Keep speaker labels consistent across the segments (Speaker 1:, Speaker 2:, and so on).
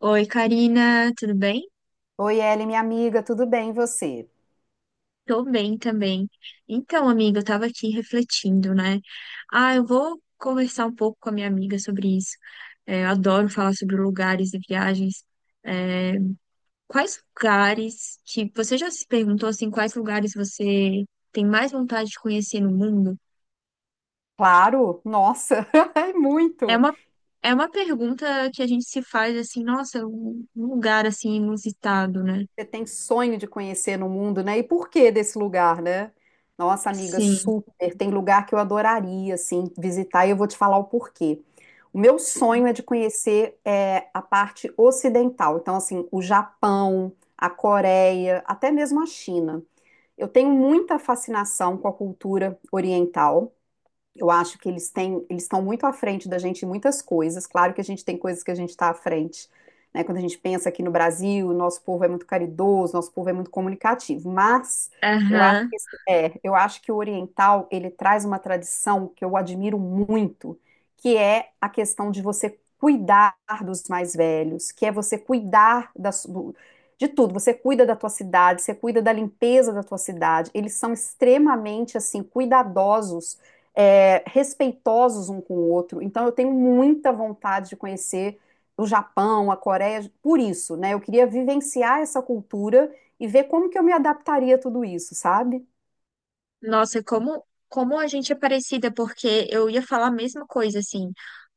Speaker 1: Oi, Karina, tudo bem?
Speaker 2: Oi, Ellen, minha amiga, tudo bem, e você?
Speaker 1: Tô bem também. Então, amiga, eu tava aqui refletindo, né? Ah, eu vou conversar um pouco com a minha amiga sobre isso. É, eu adoro falar sobre lugares e viagens. É, quais lugares que você já se perguntou assim, quais lugares você tem mais vontade de conhecer no mundo?
Speaker 2: Claro, nossa, é
Speaker 1: É
Speaker 2: muito.
Speaker 1: uma, é uma pergunta que a gente se faz assim, nossa, um lugar assim inusitado, né?
Speaker 2: Você tem sonho de conhecer no mundo, né? E por que desse lugar, né? Nossa, amiga,
Speaker 1: Sim.
Speaker 2: super. Tem lugar que eu adoraria, assim, visitar e eu vou te falar o porquê. O meu sonho é de conhecer a parte ocidental, então, assim, o Japão, a Coreia, até mesmo a China. Eu tenho muita fascinação com a cultura oriental. Eu acho que eles têm, eles estão muito à frente da gente em muitas coisas. Claro que a gente tem coisas que a gente está à frente, né? Quando a gente pensa aqui no Brasil, nosso povo é muito caridoso, nosso povo é muito comunicativo. Mas eu acho que
Speaker 1: Aham.
Speaker 2: eu acho que o oriental ele traz uma tradição que eu admiro muito, que é a questão de você cuidar dos mais velhos, que é você cuidar de tudo. Você cuida da tua cidade, você cuida da limpeza da tua cidade. Eles são extremamente assim cuidadosos respeitosos um com o outro. Então, eu tenho muita vontade de conhecer o Japão, a Coreia, por isso, né? Eu queria vivenciar essa cultura e ver como que eu me adaptaria a tudo isso, sabe?
Speaker 1: Nossa, como, como a gente é parecida, porque eu ia falar a mesma coisa, assim.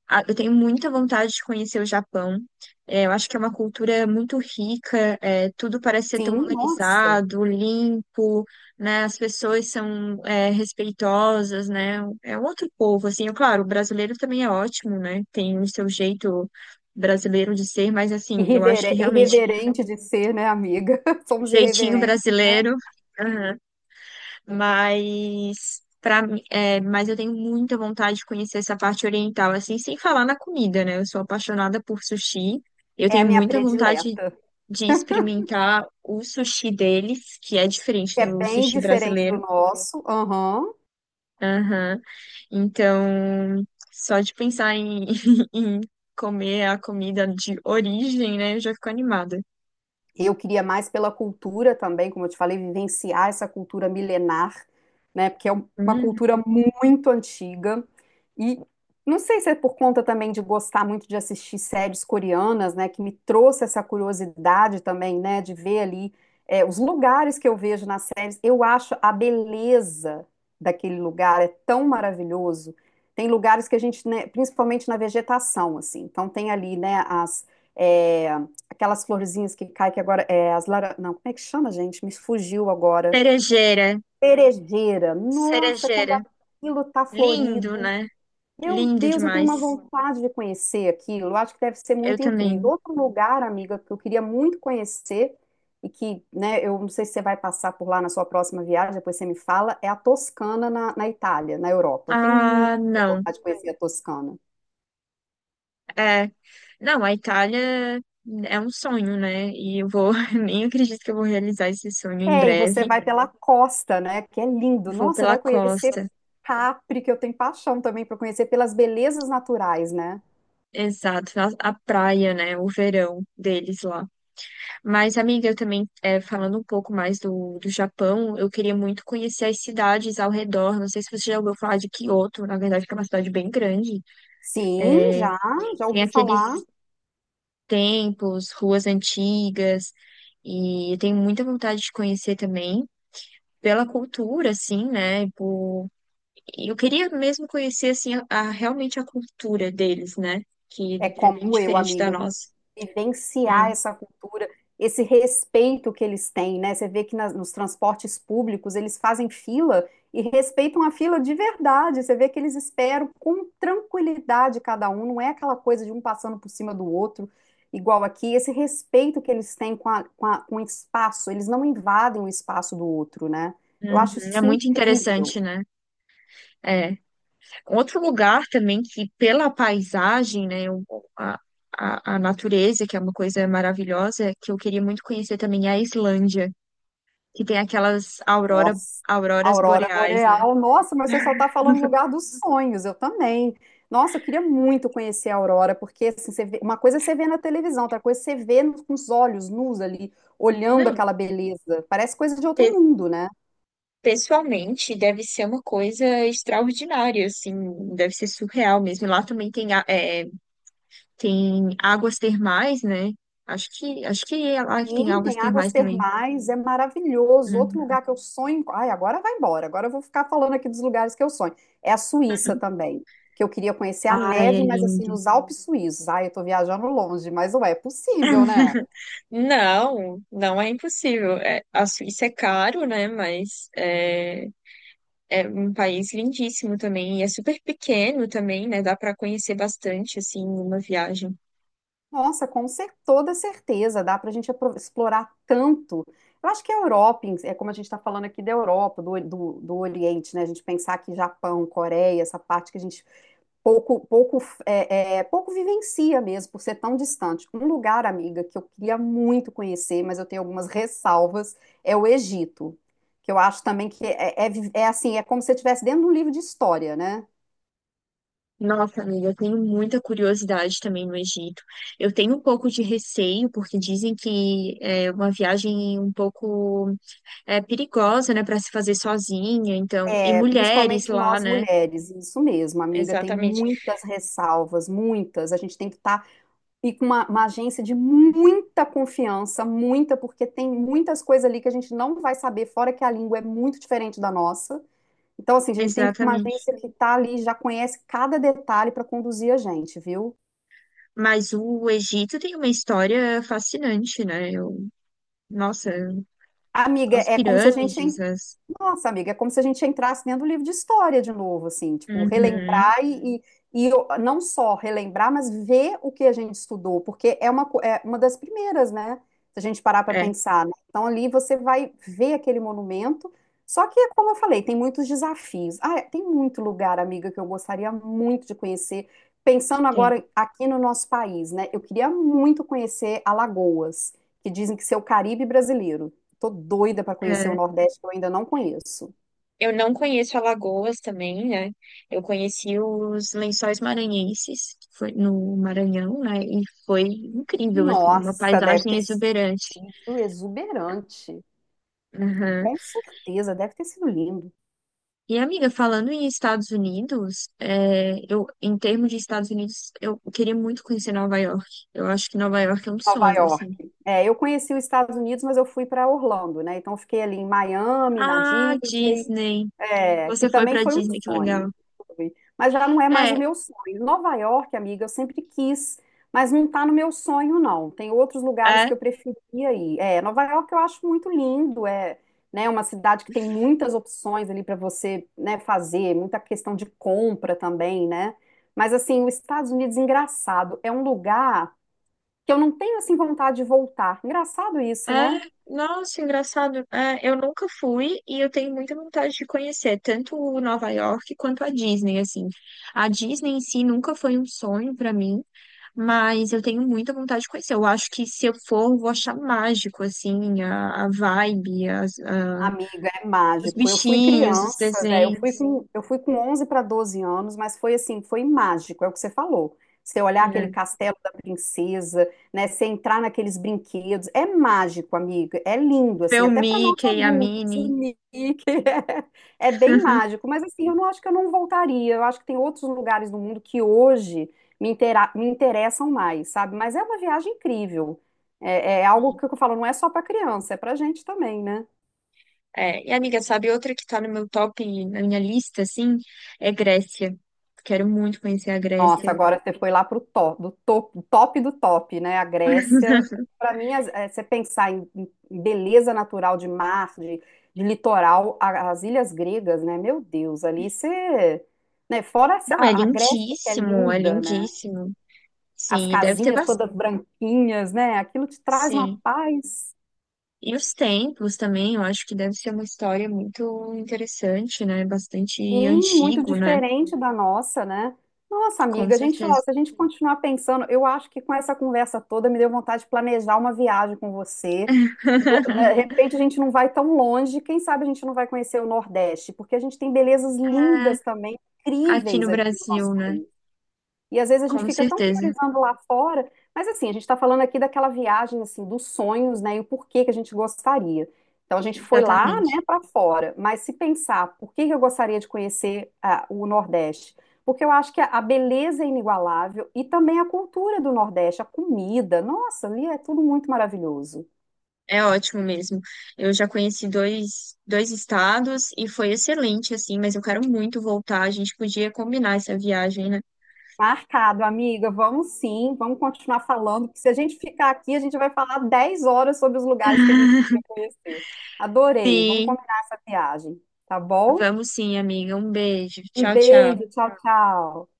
Speaker 1: Eu tenho muita vontade de conhecer o Japão. É, eu acho que é uma cultura muito rica, é, tudo parece ser tão
Speaker 2: Sim, nossa.
Speaker 1: organizado, limpo, né? As pessoas são, é, respeitosas, né? É um outro povo, assim. Eu, claro, o brasileiro também é ótimo, né? Tem o seu jeito brasileiro de ser, mas, assim, eu acho que realmente
Speaker 2: Irreverente de ser, né, amiga?
Speaker 1: o
Speaker 2: Somos
Speaker 1: jeitinho
Speaker 2: irreverentes.
Speaker 1: brasileiro. Mas para é, mas eu tenho muita vontade de conhecer essa parte oriental, assim, sem falar na comida, né? Eu sou apaixonada por sushi. Eu
Speaker 2: É a
Speaker 1: tenho
Speaker 2: minha
Speaker 1: muita vontade
Speaker 2: predileta,
Speaker 1: de experimentar o sushi deles, que é diferente
Speaker 2: que é
Speaker 1: do
Speaker 2: bem
Speaker 1: sushi
Speaker 2: diferente do
Speaker 1: brasileiro.
Speaker 2: nosso. Aham.
Speaker 1: Aham. Então, só de pensar em, em comer a comida de origem, né? Eu já fico animada.
Speaker 2: Eu queria mais pela cultura também, como eu te falei, vivenciar essa cultura milenar, né? Porque é uma
Speaker 1: Hum.
Speaker 2: cultura muito antiga. E não sei se é por conta também de gostar muito de assistir séries coreanas, né? Que me trouxe essa curiosidade também, né? De ver ali os lugares que eu vejo nas séries. Eu acho a beleza daquele lugar é tão maravilhoso. Tem lugares que a gente, né, principalmente na vegetação, assim. Então tem ali, né, é, aquelas florzinhas que caem, que agora é as lara... Não, como é que chama, gente? Me fugiu agora.
Speaker 1: Cerejeira,
Speaker 2: Cerejeira. Nossa, quando
Speaker 1: cerejeira.
Speaker 2: aquilo tá
Speaker 1: Lindo,
Speaker 2: florido.
Speaker 1: né?
Speaker 2: Meu
Speaker 1: Lindo
Speaker 2: Deus, eu tenho uma
Speaker 1: demais.
Speaker 2: vontade de conhecer aquilo. Eu acho que deve ser
Speaker 1: Eu
Speaker 2: muito incrível.
Speaker 1: também.
Speaker 2: Outro lugar, amiga, que eu queria muito conhecer e que, né, eu não sei se você vai passar por lá na sua próxima viagem, depois você me fala, é a Toscana na Itália, na Europa. Eu tenho muita
Speaker 1: Ah, não.
Speaker 2: vontade de conhecer a Toscana.
Speaker 1: É. Não, a Itália é um sonho, né? E eu vou, nem acredito que eu vou realizar esse sonho em
Speaker 2: É, e você
Speaker 1: breve.
Speaker 2: vai pela costa, né? Que é lindo.
Speaker 1: Vou
Speaker 2: Nossa, você vai
Speaker 1: pela
Speaker 2: conhecer
Speaker 1: costa.
Speaker 2: Capri, que eu tenho paixão também para conhecer pelas belezas naturais, né?
Speaker 1: Exato, a praia, né? O verão deles lá. Mas, amiga, eu também, é, falando um pouco mais do Japão, eu queria muito conhecer as cidades ao redor. Não sei se você já ouviu falar de Kyoto, na verdade, que é uma cidade bem grande.
Speaker 2: Sim,
Speaker 1: É,
Speaker 2: já, já
Speaker 1: tem
Speaker 2: ouvi falar.
Speaker 1: aqueles templos, ruas antigas, e eu tenho muita vontade de conhecer também pela cultura, assim, né? Eu queria mesmo conhecer, assim, realmente a cultura deles, né? Que
Speaker 2: É
Speaker 1: é bem
Speaker 2: como eu,
Speaker 1: diferente da
Speaker 2: amiga,
Speaker 1: nossa.
Speaker 2: vivenciar
Speaker 1: Hum,
Speaker 2: essa cultura, esse respeito que eles têm, né? Você vê que nos transportes públicos eles fazem fila e respeitam a fila de verdade. Você vê que eles esperam com tranquilidade cada um, não é aquela coisa de um passando por cima do outro, igual aqui. Esse respeito que eles têm com o espaço, eles não invadem o espaço do outro, né? Eu acho
Speaker 1: uhum. É
Speaker 2: isso
Speaker 1: muito
Speaker 2: incrível.
Speaker 1: interessante, né? É. Outro lugar também que, pela paisagem, né? A, a natureza, que é uma coisa maravilhosa, que eu queria muito conhecer também, é a Islândia, que tem
Speaker 2: Nossa,
Speaker 1: auroras
Speaker 2: Aurora
Speaker 1: boreais, né?
Speaker 2: Boreal. Nossa, mas você só está falando no lugar dos sonhos, eu também. Nossa, eu queria muito conhecer a Aurora, porque assim, uma coisa é você vê na televisão, outra coisa é você vê no- com os olhos nus ali, olhando
Speaker 1: Não,
Speaker 2: aquela beleza. Parece coisa de outro
Speaker 1: pe-
Speaker 2: mundo, né?
Speaker 1: pessoalmente deve ser uma coisa extraordinária, assim, deve ser surreal mesmo. Lá também tem, é, tem águas termais, né? Acho que é lá que tem
Speaker 2: Sim,
Speaker 1: águas
Speaker 2: tem águas
Speaker 1: termais também.
Speaker 2: termais, é maravilhoso. Outro
Speaker 1: Uhum.
Speaker 2: lugar que eu sonho. Ai, agora vai embora, agora eu vou ficar falando aqui dos lugares que eu sonho. É a Suíça também, que eu queria conhecer a
Speaker 1: Ai, é
Speaker 2: neve, mas assim,
Speaker 1: lindo.
Speaker 2: nos Alpes suíços. Ai, eu tô viajando longe, mas ué, é possível, né?
Speaker 1: Não, não é impossível. É, a Suíça é caro, né? Mas é, é um país lindíssimo também. E é super pequeno também, né? Dá para conhecer bastante, assim, numa viagem.
Speaker 2: Nossa, com toda certeza, dá para a gente explorar tanto. Eu acho que a Europa, si, é como a gente está falando aqui da Europa, do Oriente, né? A gente pensar que Japão, Coreia, essa parte que a gente pouco, pouco, pouco vivencia mesmo, por ser tão distante. Um lugar, amiga, que eu queria muito conhecer, mas eu tenho algumas ressalvas, é o Egito, que eu acho também que é assim, é como se você estivesse dentro de um livro de história, né?
Speaker 1: Nossa, amiga, eu tenho muita curiosidade também no Egito. Eu tenho um pouco de receio, porque dizem que é uma viagem um pouco é, perigosa, né, para se fazer sozinha, então, e
Speaker 2: É,
Speaker 1: mulheres
Speaker 2: principalmente
Speaker 1: lá,
Speaker 2: nós
Speaker 1: né?
Speaker 2: mulheres, isso mesmo, amiga, tem
Speaker 1: Exatamente.
Speaker 2: muitas ressalvas, muitas. A gente tem que estar e com uma agência de muita confiança, muita, porque tem muitas coisas ali que a gente não vai saber, fora que a língua é muito diferente da nossa. Então, assim, a gente tem que ir com uma
Speaker 1: Exatamente.
Speaker 2: agência que está ali, já conhece cada detalhe para conduzir a gente, viu?
Speaker 1: Mas o Egito tem uma história fascinante, né? Eu, nossa,
Speaker 2: Amiga,
Speaker 1: as
Speaker 2: é como se a gente.
Speaker 1: pirâmides,
Speaker 2: En-
Speaker 1: as...
Speaker 2: Nossa, amiga, é como se a gente entrasse dentro do livro de história de novo, assim, tipo,
Speaker 1: Uhum,
Speaker 2: relembrar e não só relembrar, mas ver o que a gente estudou, porque é é uma das primeiras, né? Se a gente parar para
Speaker 1: é,
Speaker 2: pensar, né? Então ali você vai ver aquele monumento, só que, como eu falei, tem muitos desafios. Ah, é, tem muito lugar, amiga, que eu gostaria muito de conhecer. Pensando
Speaker 1: tem.
Speaker 2: agora aqui no nosso país, né? Eu queria muito conhecer Alagoas, que dizem que ser o Caribe brasileiro. Tô doida para conhecer o
Speaker 1: É.
Speaker 2: Nordeste, que eu ainda não conheço.
Speaker 1: Eu não conheço Alagoas também, né? Eu conheci os Lençóis Maranhenses, que foi no Maranhão, né? E foi incrível, assim, uma
Speaker 2: Nossa, deve
Speaker 1: paisagem
Speaker 2: ter
Speaker 1: exuberante.
Speaker 2: sido exuberante.
Speaker 1: Aham.
Speaker 2: Com certeza, deve ter sido lindo.
Speaker 1: E, amiga, falando em Estados Unidos, é, eu, em termos de Estados Unidos, eu queria muito conhecer Nova York. Eu acho que Nova York é um
Speaker 2: Nova
Speaker 1: sonho,
Speaker 2: York.
Speaker 1: assim.
Speaker 2: É, eu conheci os Estados Unidos, mas eu fui para Orlando, né? Então eu fiquei ali em Miami, na
Speaker 1: Ah,
Speaker 2: Disney.
Speaker 1: Disney.
Speaker 2: É, que
Speaker 1: Você foi
Speaker 2: também
Speaker 1: pra
Speaker 2: foi um
Speaker 1: Disney, que
Speaker 2: sonho,
Speaker 1: legal.
Speaker 2: foi. Mas já não é mais o
Speaker 1: É,
Speaker 2: meu sonho. Nova York, amiga, eu sempre quis, mas não está no meu sonho, não. Tem outros lugares que
Speaker 1: é.
Speaker 2: eu preferia ir. É, Nova York eu acho muito lindo, é, né, uma cidade que tem muitas opções ali para você, né, fazer, muita questão de compra também, né? Mas assim, os Estados Unidos, engraçado, é um lugar que eu não tenho assim vontade de voltar. Engraçado isso,
Speaker 1: É,
Speaker 2: né?
Speaker 1: nossa, engraçado. É, eu nunca fui e eu tenho muita vontade de conhecer tanto o Nova York quanto a Disney, assim. A Disney em si nunca foi um sonho pra mim, mas eu tenho muita vontade de conhecer. Eu acho que se eu for, eu vou achar mágico, assim, a vibe,
Speaker 2: Amiga, é
Speaker 1: os
Speaker 2: mágico. Eu fui
Speaker 1: bichinhos, os
Speaker 2: criança, né?
Speaker 1: desenhos,
Speaker 2: Eu fui com 11 para 12 anos, mas foi assim, foi mágico, é o que você falou. Você olhar aquele
Speaker 1: né?
Speaker 2: castelo da princesa, né? Você entrar naqueles brinquedos, é mágico, amiga. É lindo,
Speaker 1: Ver
Speaker 2: assim,
Speaker 1: o
Speaker 2: até para nós
Speaker 1: Mickey, a
Speaker 2: adultos, o
Speaker 1: Minnie.
Speaker 2: Nick, é bem mágico. Mas assim, eu não acho que eu não voltaria. Eu acho que tem outros lugares no mundo que hoje me interessam mais, sabe? Mas é uma viagem incrível. É algo que eu falo, não é só para criança, é para gente também, né?
Speaker 1: É, e amiga, sabe outra que tá no meu top, na minha lista, assim, é Grécia. Quero muito conhecer a
Speaker 2: Nossa,
Speaker 1: Grécia.
Speaker 2: agora você foi lá pro top do top, né? A Grécia. Para mim, você pensar em, em beleza natural de mar, de litoral, as ilhas gregas, né? Meu Deus, ali você. Né? Fora
Speaker 1: Não, é
Speaker 2: a Grécia, que é
Speaker 1: lindíssimo, é
Speaker 2: linda, né?
Speaker 1: lindíssimo.
Speaker 2: As
Speaker 1: Sim, e deve ter
Speaker 2: casinhas
Speaker 1: bastante.
Speaker 2: todas branquinhas, né? Aquilo te traz uma
Speaker 1: Sim.
Speaker 2: paz.
Speaker 1: E os templos também, eu acho que deve ser uma história muito interessante, né? Bastante
Speaker 2: Sim, muito
Speaker 1: antigo, né?
Speaker 2: diferente da nossa, né? Nossa,
Speaker 1: Com
Speaker 2: amiga, a gente, ó,
Speaker 1: certeza.
Speaker 2: se a gente continuar pensando, eu acho que com essa conversa toda me deu vontade de planejar uma viagem com você. Lo- né, De repente a gente não vai tão longe, quem sabe a gente não vai conhecer o Nordeste, porque a gente tem belezas
Speaker 1: É,
Speaker 2: lindas também,
Speaker 1: aqui
Speaker 2: incríveis
Speaker 1: no
Speaker 2: aqui no nosso
Speaker 1: Brasil, né?
Speaker 2: país. E às vezes a gente
Speaker 1: Com
Speaker 2: fica tão
Speaker 1: certeza.
Speaker 2: priorizando lá fora, mas assim, a gente está falando aqui daquela viagem assim dos sonhos, né, e o porquê que a gente gostaria. Então a gente foi lá, né,
Speaker 1: Exatamente.
Speaker 2: para fora, mas se pensar, por que que eu gostaria de conhecer ah, o Nordeste? Porque eu acho que a beleza é inigualável e também a cultura do Nordeste, a comida, nossa, ali é tudo muito maravilhoso.
Speaker 1: É ótimo mesmo. Eu já conheci dois estados e foi excelente, assim, mas eu quero muito voltar. A gente podia combinar essa viagem, né?
Speaker 2: Marcado, amiga. Vamos sim, vamos continuar falando, porque se a gente ficar aqui, a gente vai falar 10 horas sobre os lugares que a gente queria conhecer. Adorei. Vamos
Speaker 1: Sim.
Speaker 2: combinar essa viagem, tá bom?
Speaker 1: Vamos sim, amiga. Um beijo.
Speaker 2: Um
Speaker 1: Tchau, tchau.
Speaker 2: beijo, tchau, tchau.